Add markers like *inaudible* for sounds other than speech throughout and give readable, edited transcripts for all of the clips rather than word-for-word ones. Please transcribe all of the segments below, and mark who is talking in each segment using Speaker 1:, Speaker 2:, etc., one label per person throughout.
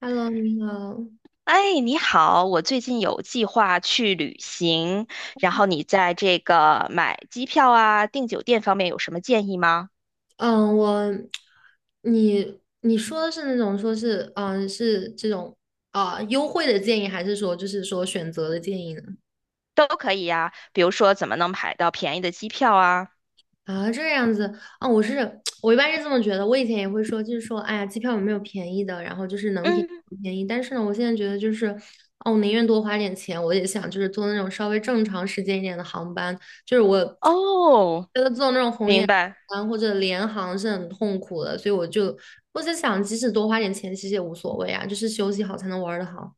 Speaker 1: Hello，你好。
Speaker 2: 哎，你好，我最近有计划去旅行，然后你在这个买机票啊、订酒店方面有什么建议吗？
Speaker 1: 嗯，我，你说的是那种说是，是这种啊、优惠的建议，还是说就是说选择的建议呢？
Speaker 2: 都可以呀，比如说怎么能买到便宜的机票啊？
Speaker 1: 啊，这样子啊，我是 *tsk* 我一般是这么觉得，我以前也会说，就是说，哎呀，机票有没有便宜的，然后就是能便宜
Speaker 2: 嗯，
Speaker 1: 不便宜。但是呢，我现在觉得就是，哦，我宁愿多花点钱，我也想就是坐那种稍微正常时间一点的航班。就是我
Speaker 2: 哦，
Speaker 1: 觉得坐那种红
Speaker 2: 明
Speaker 1: 眼
Speaker 2: 白。
Speaker 1: 航班或者联航是很痛苦的，所以我在想，即使多花点钱，其实也无所谓啊，就是休息好才能玩的好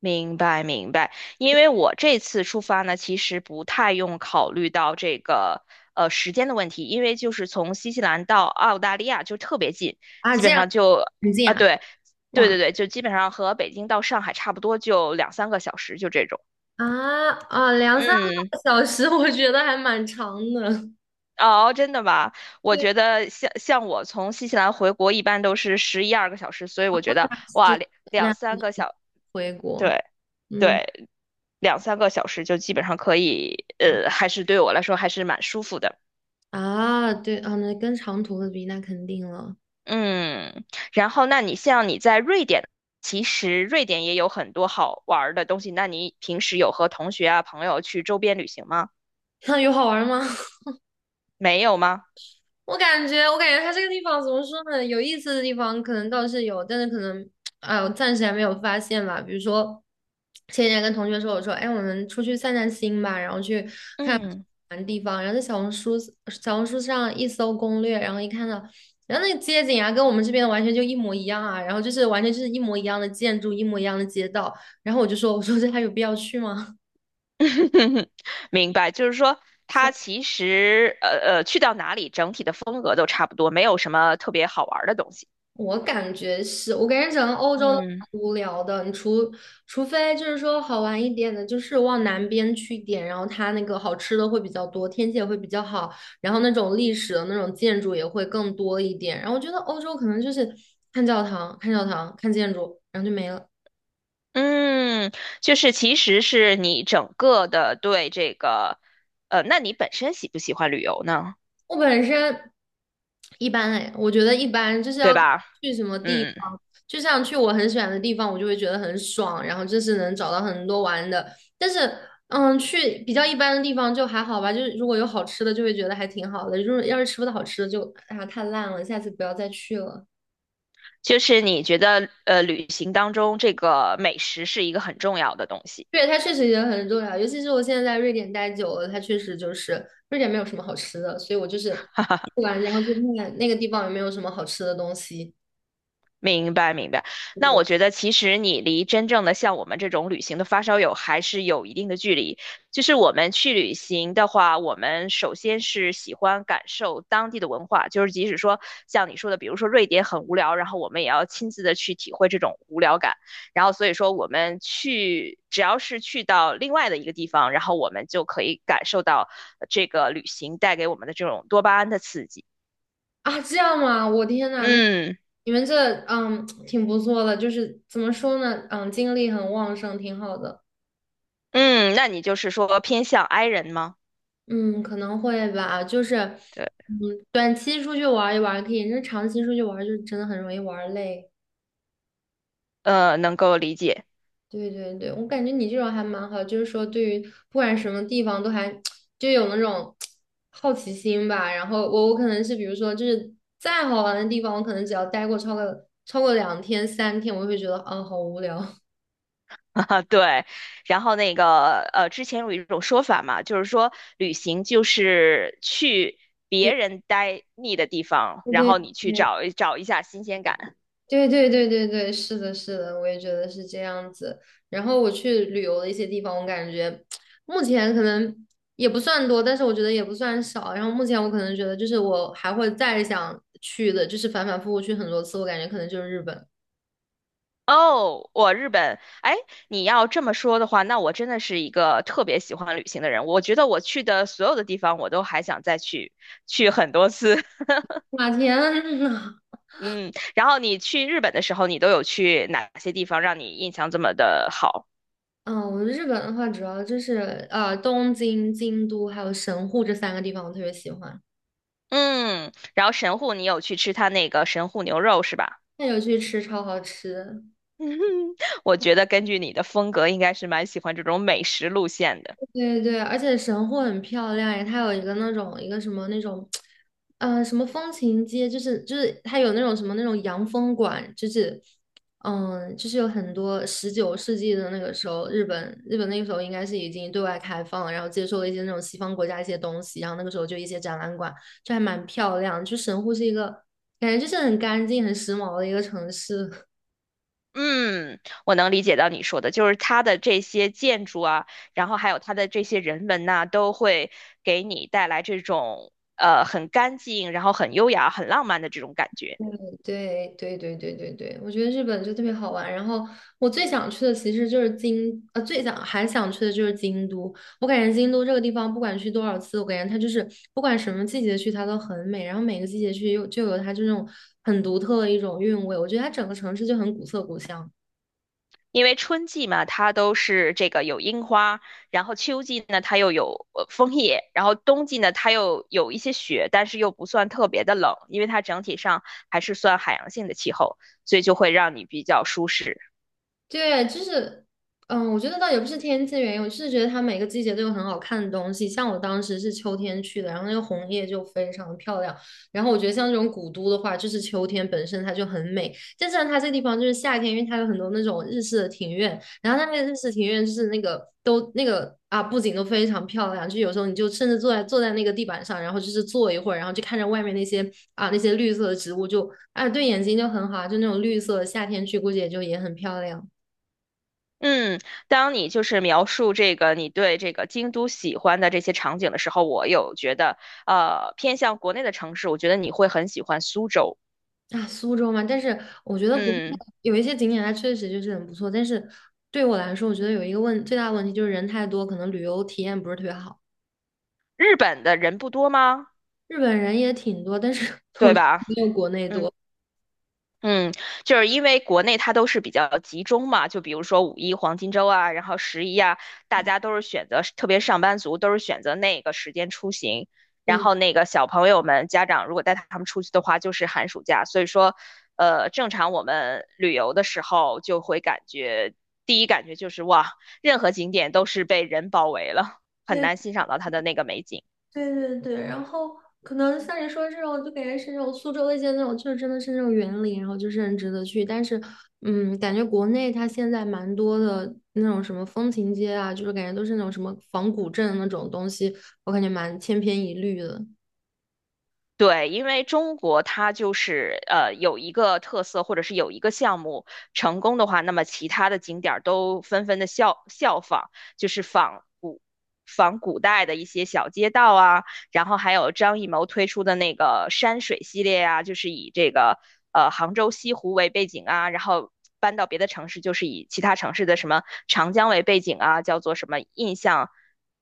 Speaker 2: 明白明白，因为我这次出发呢，其实不太用考虑到这个时间的问题，因为就是从新西兰到澳大利亚就特别近，
Speaker 1: 啊。
Speaker 2: 基
Speaker 1: 这
Speaker 2: 本
Speaker 1: 样
Speaker 2: 上就
Speaker 1: 很近
Speaker 2: 啊
Speaker 1: 啊，
Speaker 2: 对对
Speaker 1: 哇
Speaker 2: 对对，就基本上和北京到上海差不多，就两三个小时，就这种。
Speaker 1: 啊啊，两三个
Speaker 2: 嗯，
Speaker 1: 小时，*laughs* 我觉得还蛮长的。
Speaker 2: 哦，真的吗？我觉得像我从新西兰回国一般都是11、12个小时，所以我觉得哇，
Speaker 1: 是，
Speaker 2: 两
Speaker 1: 那
Speaker 2: 三个小，
Speaker 1: 回国，
Speaker 2: 对
Speaker 1: 嗯
Speaker 2: 对。两三个小时就基本上可以，还是对我来说还是蛮舒服的。
Speaker 1: 啊，对啊，那跟长途的比，那肯定了。
Speaker 2: 嗯，然后那你像你在瑞典，其实瑞典也有很多好玩儿的东西。那你平时有和同学啊、朋友去周边旅行吗？
Speaker 1: *laughs* 那有好玩吗？*laughs*
Speaker 2: 没有吗？
Speaker 1: 我感觉它这个地方怎么说呢？有意思的地方可能倒是有，但是可能，哎，我暂时还没有发现吧。比如说，前几天跟同学说，我说，哎，我们出去散散心吧，然后去
Speaker 2: 嗯，
Speaker 1: 玩的地方，然后在小红书上一搜攻略，然后一看到，然后那个街景啊，跟我们这边完全就一模一样啊，然后就是完全就是一模一样的建筑，一模一样的街道，然后我说这还有必要去吗？
Speaker 2: *laughs* 明白，就是说它其实去到哪里整体的风格都差不多，没有什么特别好玩儿的东西。
Speaker 1: 我感觉是，我感觉整个欧洲都
Speaker 2: 嗯。
Speaker 1: 蛮无聊的，你除非就是说好玩一点的，就是往南边去一点，然后它那个好吃的会比较多，天气也会比较好，然后那种历史的那种建筑也会更多一点。然后我觉得欧洲可能就是看教堂、看建筑，然后就没了。
Speaker 2: 嗯，就是其实是你整个的对这个，那你本身喜不喜欢旅游呢？
Speaker 1: 我本身一般哎，我觉得一般，就是
Speaker 2: 对
Speaker 1: 要看
Speaker 2: 吧？
Speaker 1: 去什么地
Speaker 2: 嗯，
Speaker 1: 方，就像去我很喜欢的地方，我就会觉得很爽，然后就是能找到很多玩的。但是，去比较一般的地方就还好吧，就是如果有好吃的，就会觉得还挺好的。如果要是吃不到好吃的就，啊太烂了，下次不要再去了。
Speaker 2: 就是你觉得旅行当中这个美食是一个很重要的东西。
Speaker 1: 对，它确实也很重要，尤其是我现在在瑞典待久了，它确实就是瑞典没有什么好吃的，所以我就是
Speaker 2: *laughs*
Speaker 1: 去玩，然后就看看那个地方有没有什么好吃的东西。
Speaker 2: 明白，明白。那我觉得，其实你离真正的像我们这种旅行的发烧友还是有一定的距离。就是我们去旅行的话，我们首先是喜欢感受当地的文化，就是即使说像你说的，比如说瑞典很无聊，然后我们也要亲自的去体会这种无聊感。然后所以说，我们去只要是去到另外的一个地方，然后我们就可以感受到这个旅行带给我们的这种多巴胺的刺激。
Speaker 1: 啊，这样吗？我天呐。那
Speaker 2: 嗯
Speaker 1: 你们这嗯挺不错的，就是怎么说呢，精力很旺盛，挺好的。
Speaker 2: 嗯，那你就是说偏向 I 人吗？
Speaker 1: 嗯，可能会吧，就是
Speaker 2: 对，
Speaker 1: 嗯，短期出去玩一玩可以，那长期出去玩就真的很容易玩累。
Speaker 2: 能够理解
Speaker 1: 对对对，我感觉你这种还蛮好，就是说对于不管什么地方都还 *tsk* 就有那种 *tsk* 好奇心吧。然后我可能是比如说就是再好玩的地方，我可能只要待过超过两天三天，我就会觉得啊好无聊。
Speaker 2: *laughs* 啊，对。然后那个，之前有一种说法嘛，就是说旅行就是去
Speaker 1: *laughs* 对。
Speaker 2: 别人待腻的地方，然后
Speaker 1: 对
Speaker 2: 你去找一下新鲜感。
Speaker 1: 对对对对对，对，是的，是的，我也觉得是这样子。然后我去旅游的一些地方，我感觉目前可能也不算多，但是我觉得也不算少。然后目前我可能觉得，就是我还会再想去的，就是反反复复去很多次，我感觉可能就是日本。
Speaker 2: 哦，我日本，哎，你要这么说的话，那我真的是一个特别喜欢旅行的人。我觉得我去的所有的地方，我都还想再去很多次。*laughs*
Speaker 1: 哇，天呐！
Speaker 2: 嗯，然后你去日本的时候，你都有去哪些地方让你印象这么的好？
Speaker 1: 嗯，我日本的话，主要就是东京、京都还有神户这三个地方，我特别喜欢。
Speaker 2: 嗯，然后神户你有去吃他那个神户牛肉是吧？
Speaker 1: 那有去吃，超好吃。
Speaker 2: *laughs* 我觉得根据你的风格，应该是蛮喜欢这种美食路线的。
Speaker 1: 对对，而且神户很漂亮诶，它有一个那种一个什么那种，什么风情街，就是它有那种什么那种洋风馆，就是就是有很多19世纪的那个时候，日本那个时候应该是已经对外开放了，然后接受了一些那种西方国家一些东西，然后那个时候就一些展览馆，就还蛮漂亮。就神户是一个感觉就是很干净、很时髦的一个城市。
Speaker 2: 嗯，我能理解到你说的，就是它的这些建筑啊，然后还有它的这些人文呐、都会给你带来这种很干净，然后很优雅、很浪漫的这种感觉。
Speaker 1: 对对对对对对，我觉得日本就特别好玩。然后我最想去的其实就是最想还想去的就是京都。我感觉京都这个地方，不管去多少次，我感觉它就是不管什么季节去，它都很美。然后每个季节去又就有它这种很独特的一种韵味。我觉得它整个城市就很古色古香。
Speaker 2: 因为春季嘛，它都是这个有樱花，然后秋季呢，它又有枫叶，然后冬季呢，它又有一些雪，但是又不算特别的冷，因为它整体上还是算海洋性的气候，所以就会让你比较舒适。
Speaker 1: 对，就是，我觉得倒也不是天气原因，我就是觉得它每个季节都有很好看的东西。像我当时是秋天去的，然后那个红叶就非常的漂亮。然后我觉得像这种古都的话，就是秋天本身它就很美，但是呢，它这个地方就是夏天，因为它有很多那种日式的庭院，然后它那个日式庭院就是那个都那个啊布景都非常漂亮，就有时候你就甚至坐在那个地板上，然后就是坐一会儿，然后就看着外面那些绿色的植物就，啊对眼睛就很好啊就那种绿色，夏天去估计也就也很漂亮。
Speaker 2: 嗯，当你就是描述这个你对这个京都喜欢的这些场景的时候，我有觉得，偏向国内的城市，我觉得你会很喜欢苏州。
Speaker 1: 啊，苏州嘛，但是我觉得国内
Speaker 2: 嗯，
Speaker 1: 有一些景点它确实就是很不错，但是对我来说，我觉得有一个最大的问题就是人太多，可能旅游体验不是特别好。
Speaker 2: 日本的人不多吗？
Speaker 1: 日本人也挺多，但是 *laughs* 我
Speaker 2: 对
Speaker 1: 觉得
Speaker 2: 吧？
Speaker 1: 没有国内
Speaker 2: 嗯。
Speaker 1: 多。
Speaker 2: 嗯，就是因为国内它都是比较集中嘛，就比如说五一黄金周啊，然后十一啊，大家都是选择，特别上班族都是选择那个时间出行。然
Speaker 1: 对，
Speaker 2: 后那个小朋友们家长如果带他们出去的话，就是寒暑假。所以说，正常我们旅游的时候就会感觉，第一感觉就是哇，任何景点都是被人包围了，很难
Speaker 1: 对
Speaker 2: 欣赏到它的那个美景。
Speaker 1: 对对对，然后可能像你说这种，就感觉是那种苏州的一些那种，就是真的是那种园林，然后就是很值得去。但是，感觉国内它现在蛮多的那种什么风情街啊，就是感觉都是那种什么仿古镇那种东西，我感觉蛮千篇一律的。
Speaker 2: 对，因为中国它就是有一个特色，或者是有一个项目成功的话，那么其他的景点儿都纷纷的效仿，就是仿古代的一些小街道啊，然后还有张艺谋推出的那个山水系列啊，就是以这个杭州西湖为背景啊，然后搬到别的城市，就是以其他城市的什么长江为背景啊，叫做什么印象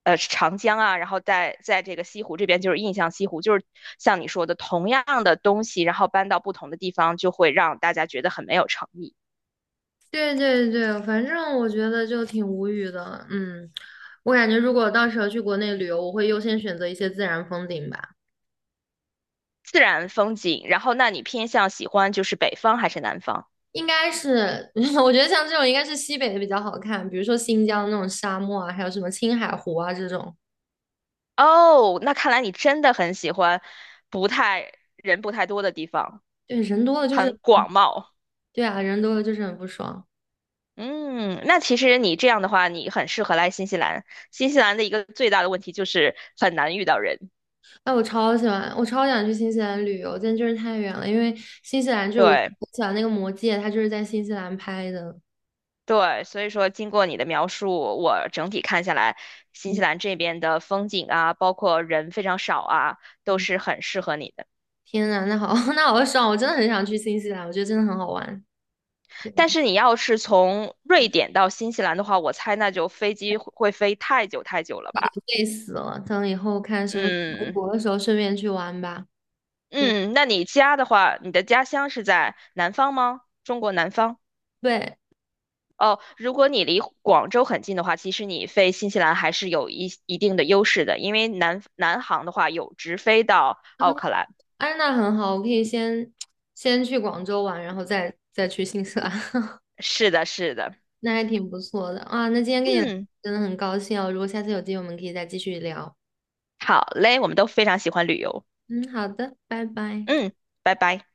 Speaker 2: 长江啊，然后在这个西湖这边就是印象西湖，就是像你说的同样的东西，然后搬到不同的地方，就会让大家觉得很没有诚意。
Speaker 1: 对对对，反正我觉得就挺无语的。嗯，我感觉如果到时候去国内旅游，我会优先选择一些自然风景吧。
Speaker 2: 自然风景，然后那你偏向喜欢就是北方还是南方？
Speaker 1: 应该是，*laughs* 我觉得像这种应该是西北的比较好看，比如说新疆那种沙漠啊，还有什么青海湖啊这种。
Speaker 2: 哦，那看来你真的很喜欢不太多的地方，
Speaker 1: 对，人多了就是，
Speaker 2: 很广袤。
Speaker 1: 对啊，人多了就是很不爽。
Speaker 2: 嗯，那其实你这样的话，你很适合来新西兰。新西兰的一个最大的问题就是很难遇到人。
Speaker 1: 哎，我超喜欢，我超想去新西兰旅游，但就是太远了，因为新西兰就是我
Speaker 2: 对
Speaker 1: 我喜欢那个《魔戒》，它就是在新西兰拍的。
Speaker 2: 对，所以说经过你的描述，我整体看下来，新
Speaker 1: 嗯
Speaker 2: 西兰这边的风景啊，包括人非常少啊，都
Speaker 1: 嗯，
Speaker 2: 是很适合你的。
Speaker 1: 天呐，那好，*laughs* 那好爽！我真的很想去新西兰，我觉得真的很好玩，
Speaker 2: 但是你要是从瑞典到新西兰的话，我猜那就飞机会飞太久太久了吧？
Speaker 1: 累死了。等以后看什么时候回
Speaker 2: 嗯。
Speaker 1: 国的时候，顺便去玩吧。对
Speaker 2: 嗯，那你家的话，你的家乡是在南方吗？中国南方？
Speaker 1: 对
Speaker 2: 哦，如果你离广州很近的话，其实你飞新西兰还是有一定的优势的，因为南航的话有直飞到
Speaker 1: 啊，
Speaker 2: 奥克兰。
Speaker 1: 安娜很好，我可以先去广州玩，然后再去新西兰，*laughs*
Speaker 2: 是的，是的。
Speaker 1: 那还挺不错的啊。那今天跟你聊
Speaker 2: 嗯，
Speaker 1: 真的很高兴哦，如果下次有机会，我们可以再继续聊。
Speaker 2: 好嘞，我们都非常喜欢旅游。
Speaker 1: 嗯，好的，拜拜。
Speaker 2: 嗯，拜拜。